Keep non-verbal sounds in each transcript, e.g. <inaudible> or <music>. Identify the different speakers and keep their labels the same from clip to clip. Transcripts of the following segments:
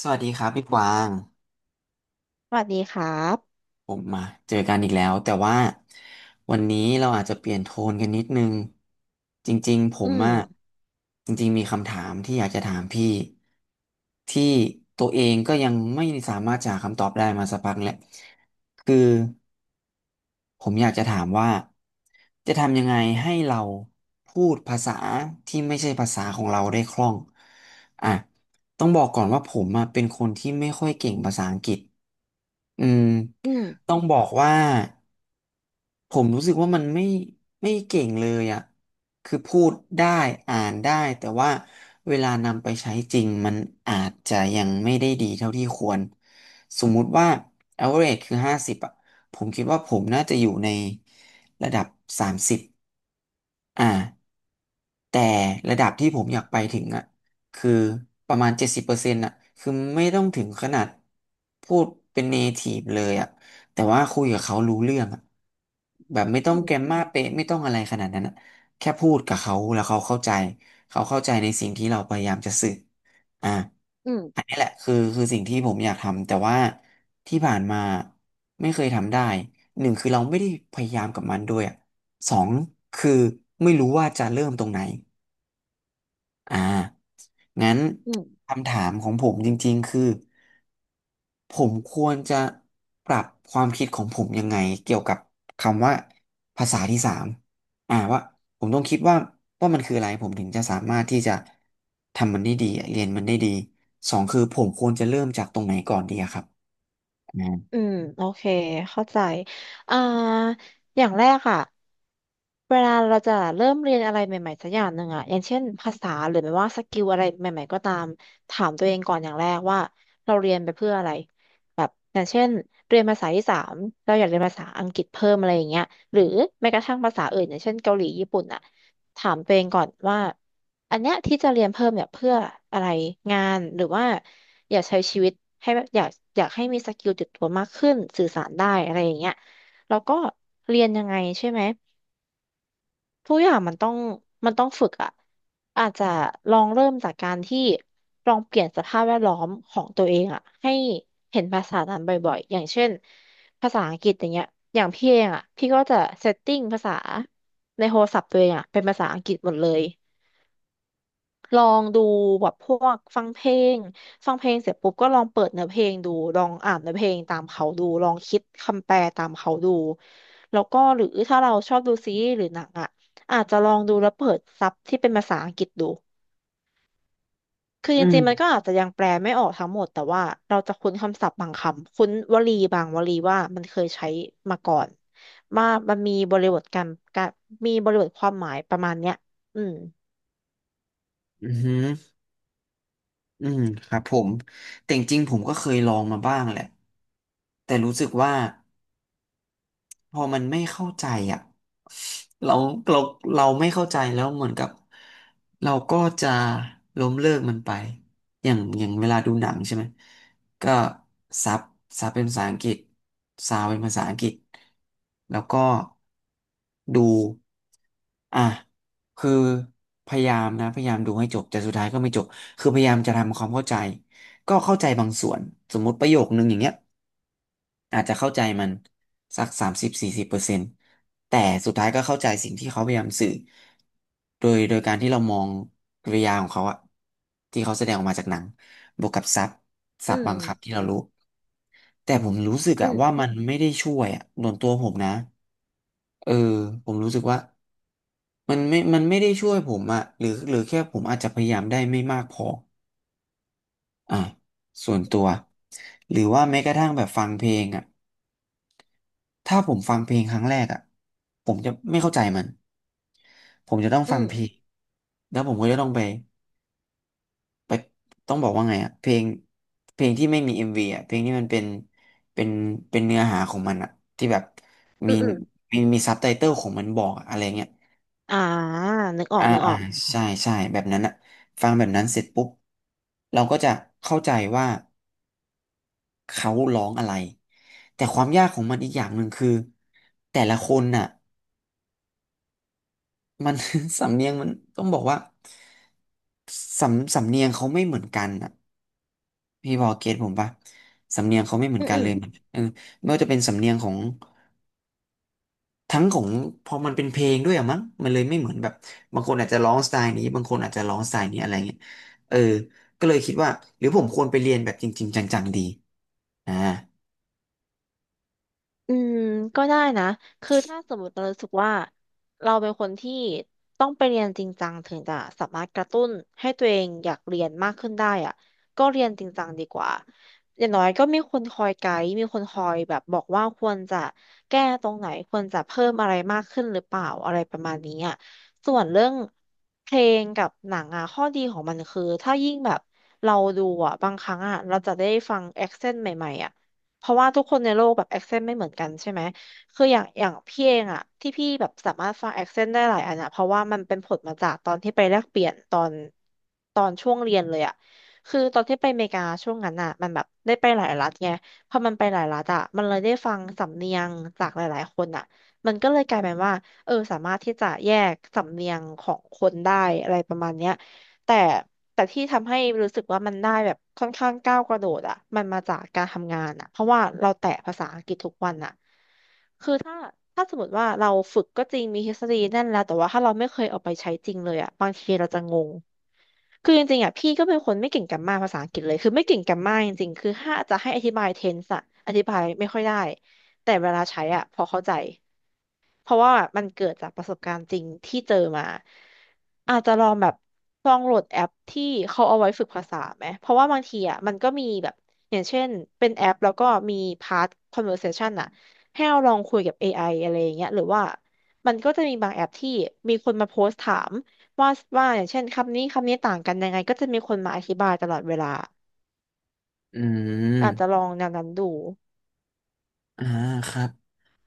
Speaker 1: สวัสดีครับพี่กวาง
Speaker 2: สวัสดีครับ
Speaker 1: ผมมาเจอกันอีกแล้วแต่ว่าวันนี้เราอาจจะเปลี่ยนโทนกันนิดนึงจริงๆผ
Speaker 2: อื
Speaker 1: มอะ
Speaker 2: ม
Speaker 1: จริงๆมีคำถามที่อยากจะถามพี่ที่ตัวเองก็ยังไม่สามารถจะหาคำตอบได้มาสักพักแหละคือผมอยากจะถามว่าจะทำยังไงให้เราพูดภาษาที่ไม่ใช่ภาษาของเราได้คล่องอ่ะต้องบอกก่อนว่าผมอะเป็นคนที่ไม่ค่อยเก่งภาษาอังกฤษ อืม
Speaker 2: อืม
Speaker 1: ต้องบอกว่าผมรู้สึกว่ามันไม่เก่งเลยอ่ะคือพูดได้อ่านได้แต่ว่าเวลานำไปใช้จริงมันอาจจะยังไม่ได้ดีเท่าที่ควรสมมุติว่า average คือ50อ่ะผมคิดว่าผมน่าจะอยู่ในระดับ30 อ่าแต่ระดับที่ผมอยากไปถึงอ่ะคือประมาณ70%อ่ะคือไม่ต้องถึงขนาดพูดเป็นเนทีฟเลยอ่ะแต่ว่าคุยกับเขารู้เรื่องอ่ะแบบไม่ต้
Speaker 2: อื
Speaker 1: องแกรม
Speaker 2: ม
Speaker 1: มาเป๊ะไม่ต้องอะไรขนาดนั้นอ่ะแค่พูดกับเขาแล้วเขาเข้าใจเขาเข้าใจในสิ่งที่เราพยายามจะสื่ออ่า
Speaker 2: อื
Speaker 1: อัน
Speaker 2: ม
Speaker 1: นี้แหละคือสิ่งที่ผมอยากทำแต่ว่าที่ผ่านมาไม่เคยทำได้หนึ่งคือเราไม่ได้พยายามกับมันด้วยอะ สองคือไม่รู้ว่าจะเริ่มตรงไหนอ่างั้น
Speaker 2: อืม
Speaker 1: คำถามของผมจริงๆคือผมควรจะปรับความคิดของผมยังไงเกี่ยวกับคำว่าภาษาที่สามอ่าว่าผมต้องคิดว่าว่ามันคืออะไรผมถึงจะสามารถที่จะทำมันได้ดีเรียนมันได้ดีสองคือผมควรจะเริ่มจากตรงไหนก่อนดีอะครับอ่า
Speaker 2: อืมโอเคเข้าใจอ่าอย่างแรกอะเวลาเราจะเริ่มเรียนอะไรใหม่ๆสักอย่างหนึ่งอะอย่างเช่นภาษาหรือไม่ว่าสกิลอะไรใหม่ๆก็ตามถามตัวเองก่อนอย่างแรกว่าเราเรียนไปเพื่ออะไรแบบอย่างเช่นเรียนภาษาที่สามเราอยากเรียนภาษาอังกฤษเพิ่มอะไรอย่างเงี้ยหรือแม้กระทั่งภาษาอื่นอย่างเช่นเกาหลีญี่ปุ่นอะถามตัวเองก่อนว่า อันเนี้ยที่จะเรียนเพิ่มเนี่ยเพื่ออะไรงานหรือว่าอยากใช้ชีวิตให้แบบอยากให้มีสกิลติดตัวมากขึ้นสื่อสารได้อะไรอย่างเงี้ยแล้วก็เรียนยังไงใช่ไหมทุกอย่างมันต้องฝึกอะอาจจะลองเริ่มจากการที่ลองเปลี่ยนสภาพแวดล้อมของตัวเองอะให้เห็นภาษานั้นบ่อยๆอย่างเช่นภาษาอังกฤษอย่างเงี้ยอย่างพี่เองอะพี่ก็จะเซตติ้งภาษาในโทรศัพท์ตัวเองอะเป็นภาษาอังกฤษหมดเลย ลองดูแบบพวกฟังเพลงฟังเพลงเสร็จปุ๊บก็ลองเปิดเนื้อเพลงดูลองอ่านเนื้อเพลงตามเขาดูลองคิดคำแปลตามเขาดูแล้วก็หรือถ้าเราชอบดูซีรีส์หรือหนังอ่ะอาจจะลองดูแล้วเปิดซับที่เป็นภาษาอังกฤษดูคือจริงๆมันก็อาจจะยังแปลไม่ออกทั้งหมดแต่ว่าเราจะคุ้นคำศัพท์บางคำคุ้นวลีบางวลีว่ามันเคยใช้มาก่อนว่ามันมีบริบทการมีบริบทความหมายประมาณเนี้ยอืม
Speaker 1: อือหืออืมครับผมแต่จริงๆผมก็เคยลองมาบ้างแหละแต่รู้สึกว่า พอมันไม่เข้าใจอ่ะเราเราเราไม่เข้าใจแล้วเหมือนกับเราก็จะล้มเลิกมันไปอย่างเวลาดูหนังใช่ไหมก็ซับซับเป็นภาษาอังกฤษซาวเป็นภาษาอังกฤษแล้วก็ดูอ่ะคือพยายามนะพยายามดูให้จบแต่สุดท้ายก็ไม่จบคือพยายามจะทำความเข้าใจก็เข้าใจบางส่วนสมมติประโยคนึงอย่างเงี้ย อาจจะเข้าใจมันสัก30-40%แต่สุดท้ายก็เข้าใจสิ่งที่เขาพยายามสื่อโดยการที่เรามองกริยาของเขาอะที่เขาแสดงออกมาจากหนังบวกกับซับซั
Speaker 2: อื
Speaker 1: บ
Speaker 2: ม
Speaker 1: บางคำที่เรารู้แต่ผมรู้สึก
Speaker 2: อื
Speaker 1: อะ
Speaker 2: ม
Speaker 1: ว่ามันไม่ได้ช่วยอะส่วนตัวผมนะเออผมรู้สึกว่ามันไม่ได้ช่วยผมอะหรือแค่ผมอาจจะพยายามได้ไม่มากพออ่ะส่วนตัวหรือว่าแม้กระทั่งแบบฟังเพลงอ่ะ ถ้าผมฟังเพลงครั้งแรกอ่ะผมจะไม่เข้าใจมันผมจะต้อง
Speaker 2: อื
Speaker 1: ฟัง
Speaker 2: ม
Speaker 1: เพลงแล้วผมก็จะต้องไปต้องบอกว่าไงอ่ะเพลงเพลงที่ไม่มีเอ็มวีอ่ะเพลงที่มันเป็นเป็นเนื้อหาของมันอ่ะที่แบบ
Speaker 2: อื
Speaker 1: มี
Speaker 2: มอืม
Speaker 1: มีซับไตเติลของมันบอกอะอะไรเงี้ย
Speaker 2: อ่านึกออ
Speaker 1: อ่า
Speaker 2: ก นึกอ
Speaker 1: อ่า
Speaker 2: อก
Speaker 1: ใช่ใช่แบบนั้นอ่ะฟังแบบนั้นเสร็จปุ๊บเราก็จะเข้าใจว่าเขาร้องอะไรแต่ความยากของมันอีกอย่างหนึ่งคือแต่ละคนน่ะ มัน <laughs> สำเนียงมันต้องบอกว่าสำเนียงเขาไม่เหมือนกันอ่ะพี่พอเก็ตผมปะสำเนียงเขาไม่เหมือ
Speaker 2: อื
Speaker 1: น
Speaker 2: ม
Speaker 1: กัน
Speaker 2: อื
Speaker 1: เล
Speaker 2: ม
Speaker 1: ยมันเออไม่ว่าจะเป็นสำเนียงของทั้งของพอมันเป็นเพลงด้วยอะมั้งมันเลยไม่เหมือนแบบบางคนอาจจะร้องสไตล์นี้บางคนอาจจะร้องสไตล์นี้อะไรเงี้ยเออก็เลยคิดว่าหรือผมควรไปเรียนแบบจริงๆจังๆดีอ่า
Speaker 2: อืมก็ได้นะคือถ้าสมมติเรารู้สึกว่าเราเป็นคนที่ต้องไปเรียนจริงจังถึงจะสามารถกระตุ้นให้ตัวเองอยากเรียนมากขึ้นได้อ่ะก็เรียนจริงจังดีกว่าอย่างน้อยก็มีคนคอยไกด์มีคนคอยแบบบอกว่าควรจะแก้ตรงไหนควรจะเพิ่มอะไรมากขึ้นหรือเปล่าอะไรประมาณนี้อ่ะส่วนเรื่องเพลงกับหนังอ่ะข้อดีของมันคือถ้ายิ่งแบบเราดูอ่ะบางครั้งอ่ะเราจะได้ฟังแอคเซนต์ใหม่ๆอ่ะ เพราะว่าทุกคนในโลกแบบแอคเซนต์ไม่เหมือนกันใช่ไหมคืออย่างอย่างพี่เองอะที่พี่แบบสามารถฟังแอคเซนต์ได้หลายอันอะเพราะว่ามันเป็นผลมาจากตอนที่ไปแลกเปลี่ยนตอนช่วงเรียนเลยอะคือตอนที่ไปอเมริกาช่วงนั้นอะมันแบบได้ไปหลายรัฐไงพอมันไปหลายรัฐอะมันเลยได้ฟังสำเนียงจากหลายๆคนอะมันก็เลยกลายเป็นว่าเออสามารถที่จะแยกสำเนียงของคนได้อะไรประมาณเนี้ย แต่แต่ที่ทำให้รู้สึกว่ามันได้แบบค่อนข้างก้าวกระโดดอ่ะมันมาจากการทำงานอ่ะเพราะว่าเราแตะภาษาอังกฤษทุกวันอ่ะคือถ้าสมมติว่าเราฝึกก็จริงมีทฤษฎีแน่นแล้วแต่ว่าถ้าเราไม่เคยเอาไปใช้จริงเลยอ่ะบางทีเราจะงงคือจริงๆอ่ะพี่ก็เป็นคนไม่เก่งแกรมมาภาษาอังกฤษเลยคือไม่เก่งแกรมมาจริงๆคือถ้าจะให้อธิบายเทนส์อะอธิบายไม่ค่อยได้แต่เวลาใช้อ่ะพอเข้าใจ เพราะว่ามันเกิดจากประสบการณ์จริงที่เจอมาอาจจะลองแบบลองโหลดแอปที่เขาเอาไว้ฝึกภาษาไหมเพราะว่าบางทีอ่ะมันก็มีแบบอย่างเช่นเป็นแอปแล้วก็มีพาร์ท conversation อ่ะให้เราลองคุยกับ AI อไออะไรอย่างเงี้ยหรือว่ามันก็จะมีบางแอปที่มีคนมาโพสต์ถามว่าว่าอย่างเช่นคำนี้คำนี้ต่างกันยังไงก็จะมีคนมาอธิบายตลอดเวลา
Speaker 1: อื
Speaker 2: อาจจะล
Speaker 1: ม
Speaker 2: องแนวนั้นดู
Speaker 1: อ่าครับ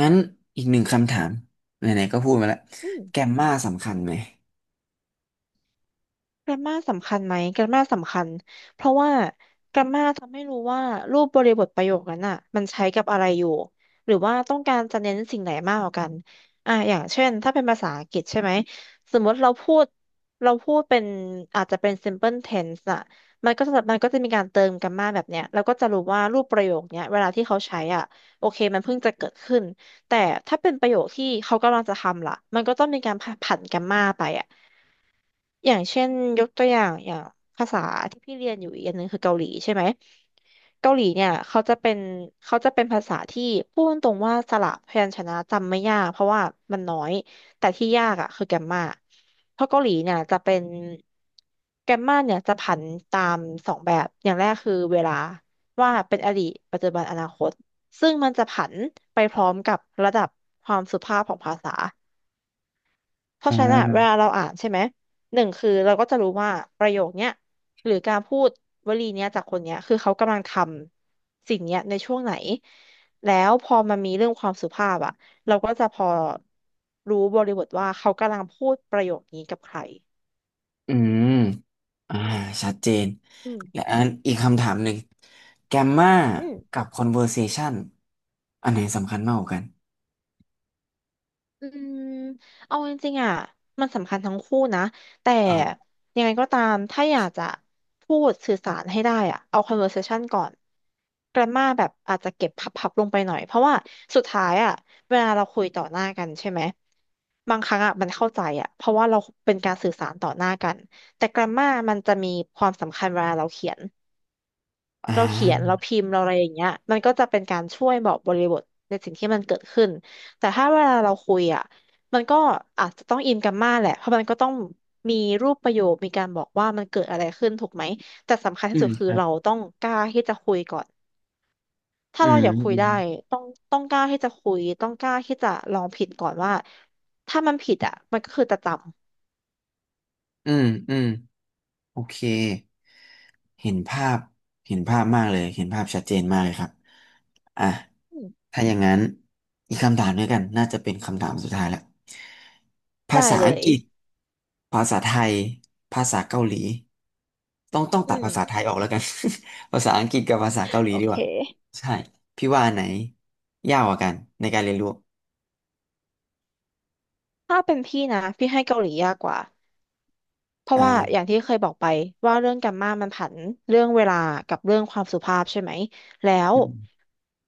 Speaker 1: งั้นอีกหนึ่งคำถามไหนๆก็พูดมาแล้ว
Speaker 2: อืม
Speaker 1: แกมมาสำคัญไหม
Speaker 2: แกรมมาสำคัญไหมแกรมมาสำคัญเพราะว่าแกรมมาทำให้รู้ว่ารูปบริบทประโยคนั้นอ่ะมันใช้กับอะไรอยู่หรือว่าต้องการจะเน้นสิ่งไหนมากกว่ากันอย่างเช่นถ้าเป็นภาษาอังกฤษใช่ไหมสมมติเราพูดเป็นอาจจะเป็น simple tense อ่ะมันก็จะมีการเติมแกรมมาแบบเนี้ยเราก็จะรู้ว่ารูปประโยคเนี้ยเวลาที่เขาใช้อ่ะโอเคมันเพิ่งจะเกิดขึ้นแต่ถ้าเป็นประโยคที่เขากำลังจะทำล่ะมันก็ต้องมีการผันแกรมมาไปอ่ะ อย่างเช่นยกตัวอย่างอย่างภาษาที่พี่เรียนอยู่อีกอันหนึ่งคือเกาหลีใช่ไหมเกาหลีเนี่ยเขาจะเป็นภาษาที่พูดตรงว่าสระพยัญชนะจำไม่ยากเพราะว่ามันน้อยแต่ที่ยากอ่ะคือแกมมาเพราะเกาหลีเนี่ยจะเป็นแกมมาเนี่ยจะผันตามสองแบบอย่างแรกคือเวลาว่าเป็นอดีตปัจจุบันอนาคตซึ่งมันจะผันไปพร้อมกับระดับความสุภาพของภาษา เพ
Speaker 1: อ่
Speaker 2: ราะฉะนั้นอะเว
Speaker 1: า
Speaker 2: ลาเราอ่านใช่ไหมหนึ่งคือเราก็จะรู้ว่าประโยคเนี้ยหรือการพูดวลีเนี้ยจากคนเนี้ยคือเขากำลังทำสิ่งเนี้ยในช่วงไหนแล้วพอมันมีเรื่องความสุภาพอะเราก็จะพอรู้บริบทว่าเขากำลังพูดประโยคนี้กับใคร
Speaker 1: อืม อ่าชัดเจน
Speaker 2: อืม
Speaker 1: และอันอีกคำถามหนึ่ง แกมมา
Speaker 2: อืม
Speaker 1: กับ conversation อันไหนสำคัญมากกว่ากัน
Speaker 2: อืมเอาจริงๆอ่ะมันสำคัญทั้งคู่นะแต่
Speaker 1: อ่า
Speaker 2: ยังไงก็ตามถ้าอยากจะพูดสื่อสารให้ได้อ่ะเอา conversation ก่อน grammar แบบอาจจะเก็บพับๆลงไปหน่อยเพราะว่าสุดท้ายอ่ะเวลาเราคุยต่อหน้ากันใช่ไหมบางครั้งอ่ะมันเข้าใจอ่ะเพราะว่าเราเป็นการสื่อสารต่อหน้ากันแต่ grammar มันจะมีความสำคัญเวลาเราเขียน
Speaker 1: อ่
Speaker 2: เราเขียนเรา
Speaker 1: า
Speaker 2: พิมพ์เราอะไรอย่างเงี้ยมันก็จะเป็นการช่วยบอกบริบทในสิ่งที่มันเกิดขึ้นแต่ถ้าเวลาเราคุยอ่ะมันก็อาจจะต้องอินกันมากแหละเพราะมันก็ต้องมีรูปประโยคมีการบอกว่ามันเกิดอะไรขึ้นถูกไหมแต่สำคัญที่
Speaker 1: อื
Speaker 2: สุ
Speaker 1: ม
Speaker 2: ดคื
Speaker 1: ค
Speaker 2: อ
Speaker 1: รั
Speaker 2: เรา
Speaker 1: บ
Speaker 2: ต้องกล้าที่จะคุยก่อนถ้า
Speaker 1: อื
Speaker 2: เราอยากคุยได้
Speaker 1: ม
Speaker 2: ต้องต้องกล้าที่จะคุยต้องกล้าที่จะลองผิดก่อนว่าถ้ามันผิดอ่ะมันก็คือจะจ
Speaker 1: อืม อืมอืม โอเคเห็นภาพเห็นภาพมากเลยเห็นภาพชัดเจนมากเลยครับอ่ะ
Speaker 2: ำอืม
Speaker 1: ถ้าอย่างนั้นอีกคำถามด้วยกันน่าจะเป็นคำถามสุดท้ายแล้วภา
Speaker 2: ได้
Speaker 1: ษา
Speaker 2: เล
Speaker 1: อัง
Speaker 2: ย
Speaker 1: กฤษภาษาไทยภาษาเกาหลีต้อง
Speaker 2: อื
Speaker 1: ตัดภาษาไท
Speaker 2: ม
Speaker 1: ยออกแล้วกัน <laughs> ภาษาอังกฤษกับภาษาเกาหลี
Speaker 2: โอ
Speaker 1: ดีก
Speaker 2: เค
Speaker 1: ว่าใช่พี่ว่าอันไหนยากกว่ากันในการเรียนรู้
Speaker 2: ถ้าเป็นพี่นะพี่ให้เกาหลียากกว่า เพราะ
Speaker 1: อ่
Speaker 2: ว่าอ
Speaker 1: า
Speaker 2: ย่างที่เคยบอกไปว่าเรื่องแกมมามันผันเรื่องเวลากับเรื่องความสุภาพใช่ไหมแล้ว
Speaker 1: อืม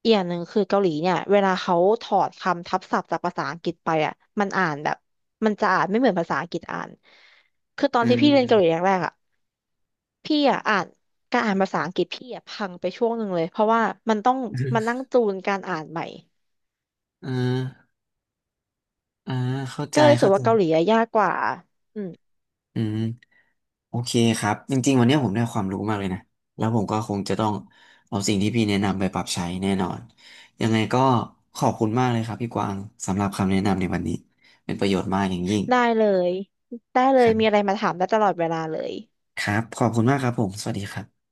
Speaker 2: อีกอย่างหนึ่งคือเกาหลีเนี่ยเวลาเขาถอดคำทับศัพท์จากภาษาอังกฤษไปอ่ะมันอ่านแบบมันจะอ่านไม่เหมือนภาษาอังกฤษอ่านคือตอน
Speaker 1: อื
Speaker 2: ที่พี่เรียนเกาหลี
Speaker 1: ม
Speaker 2: แรกๆอ่ะพี่อะพังไปช่วงหนึ่งเลยเพราะว่ามันต้อง
Speaker 1: อื
Speaker 2: มานั่
Speaker 1: ม
Speaker 2: งจูนการอ่านใหม่
Speaker 1: ออ่าอ่าเข้าใจ
Speaker 2: ก็เลยรู้สึ
Speaker 1: เข้า
Speaker 2: ก
Speaker 1: ใจ
Speaker 2: ว่าเกาหลีอะยากกว่าอืม
Speaker 1: อืมโอเคครับจริงๆวันนี้ผมได้ความรู้มากเลยนะแล้วผมก็คงจะต้องเอาสิ่งที่พี่แนะนำไปปรับใช้แน่นอนยังไงก็ขอบคุณมากเลยครับพี่กวางสำหรับคำแนะนำในวันนี้เป็นประโยชน์มากอย่างยิ่ง
Speaker 2: ได้เลยได้เล
Speaker 1: ค
Speaker 2: ย
Speaker 1: รั
Speaker 2: มีอะไร
Speaker 1: บ
Speaker 2: มาถามได้ตลอดเวลาเลย
Speaker 1: ครับขอบคุณมากครับผมสวัสดีครับ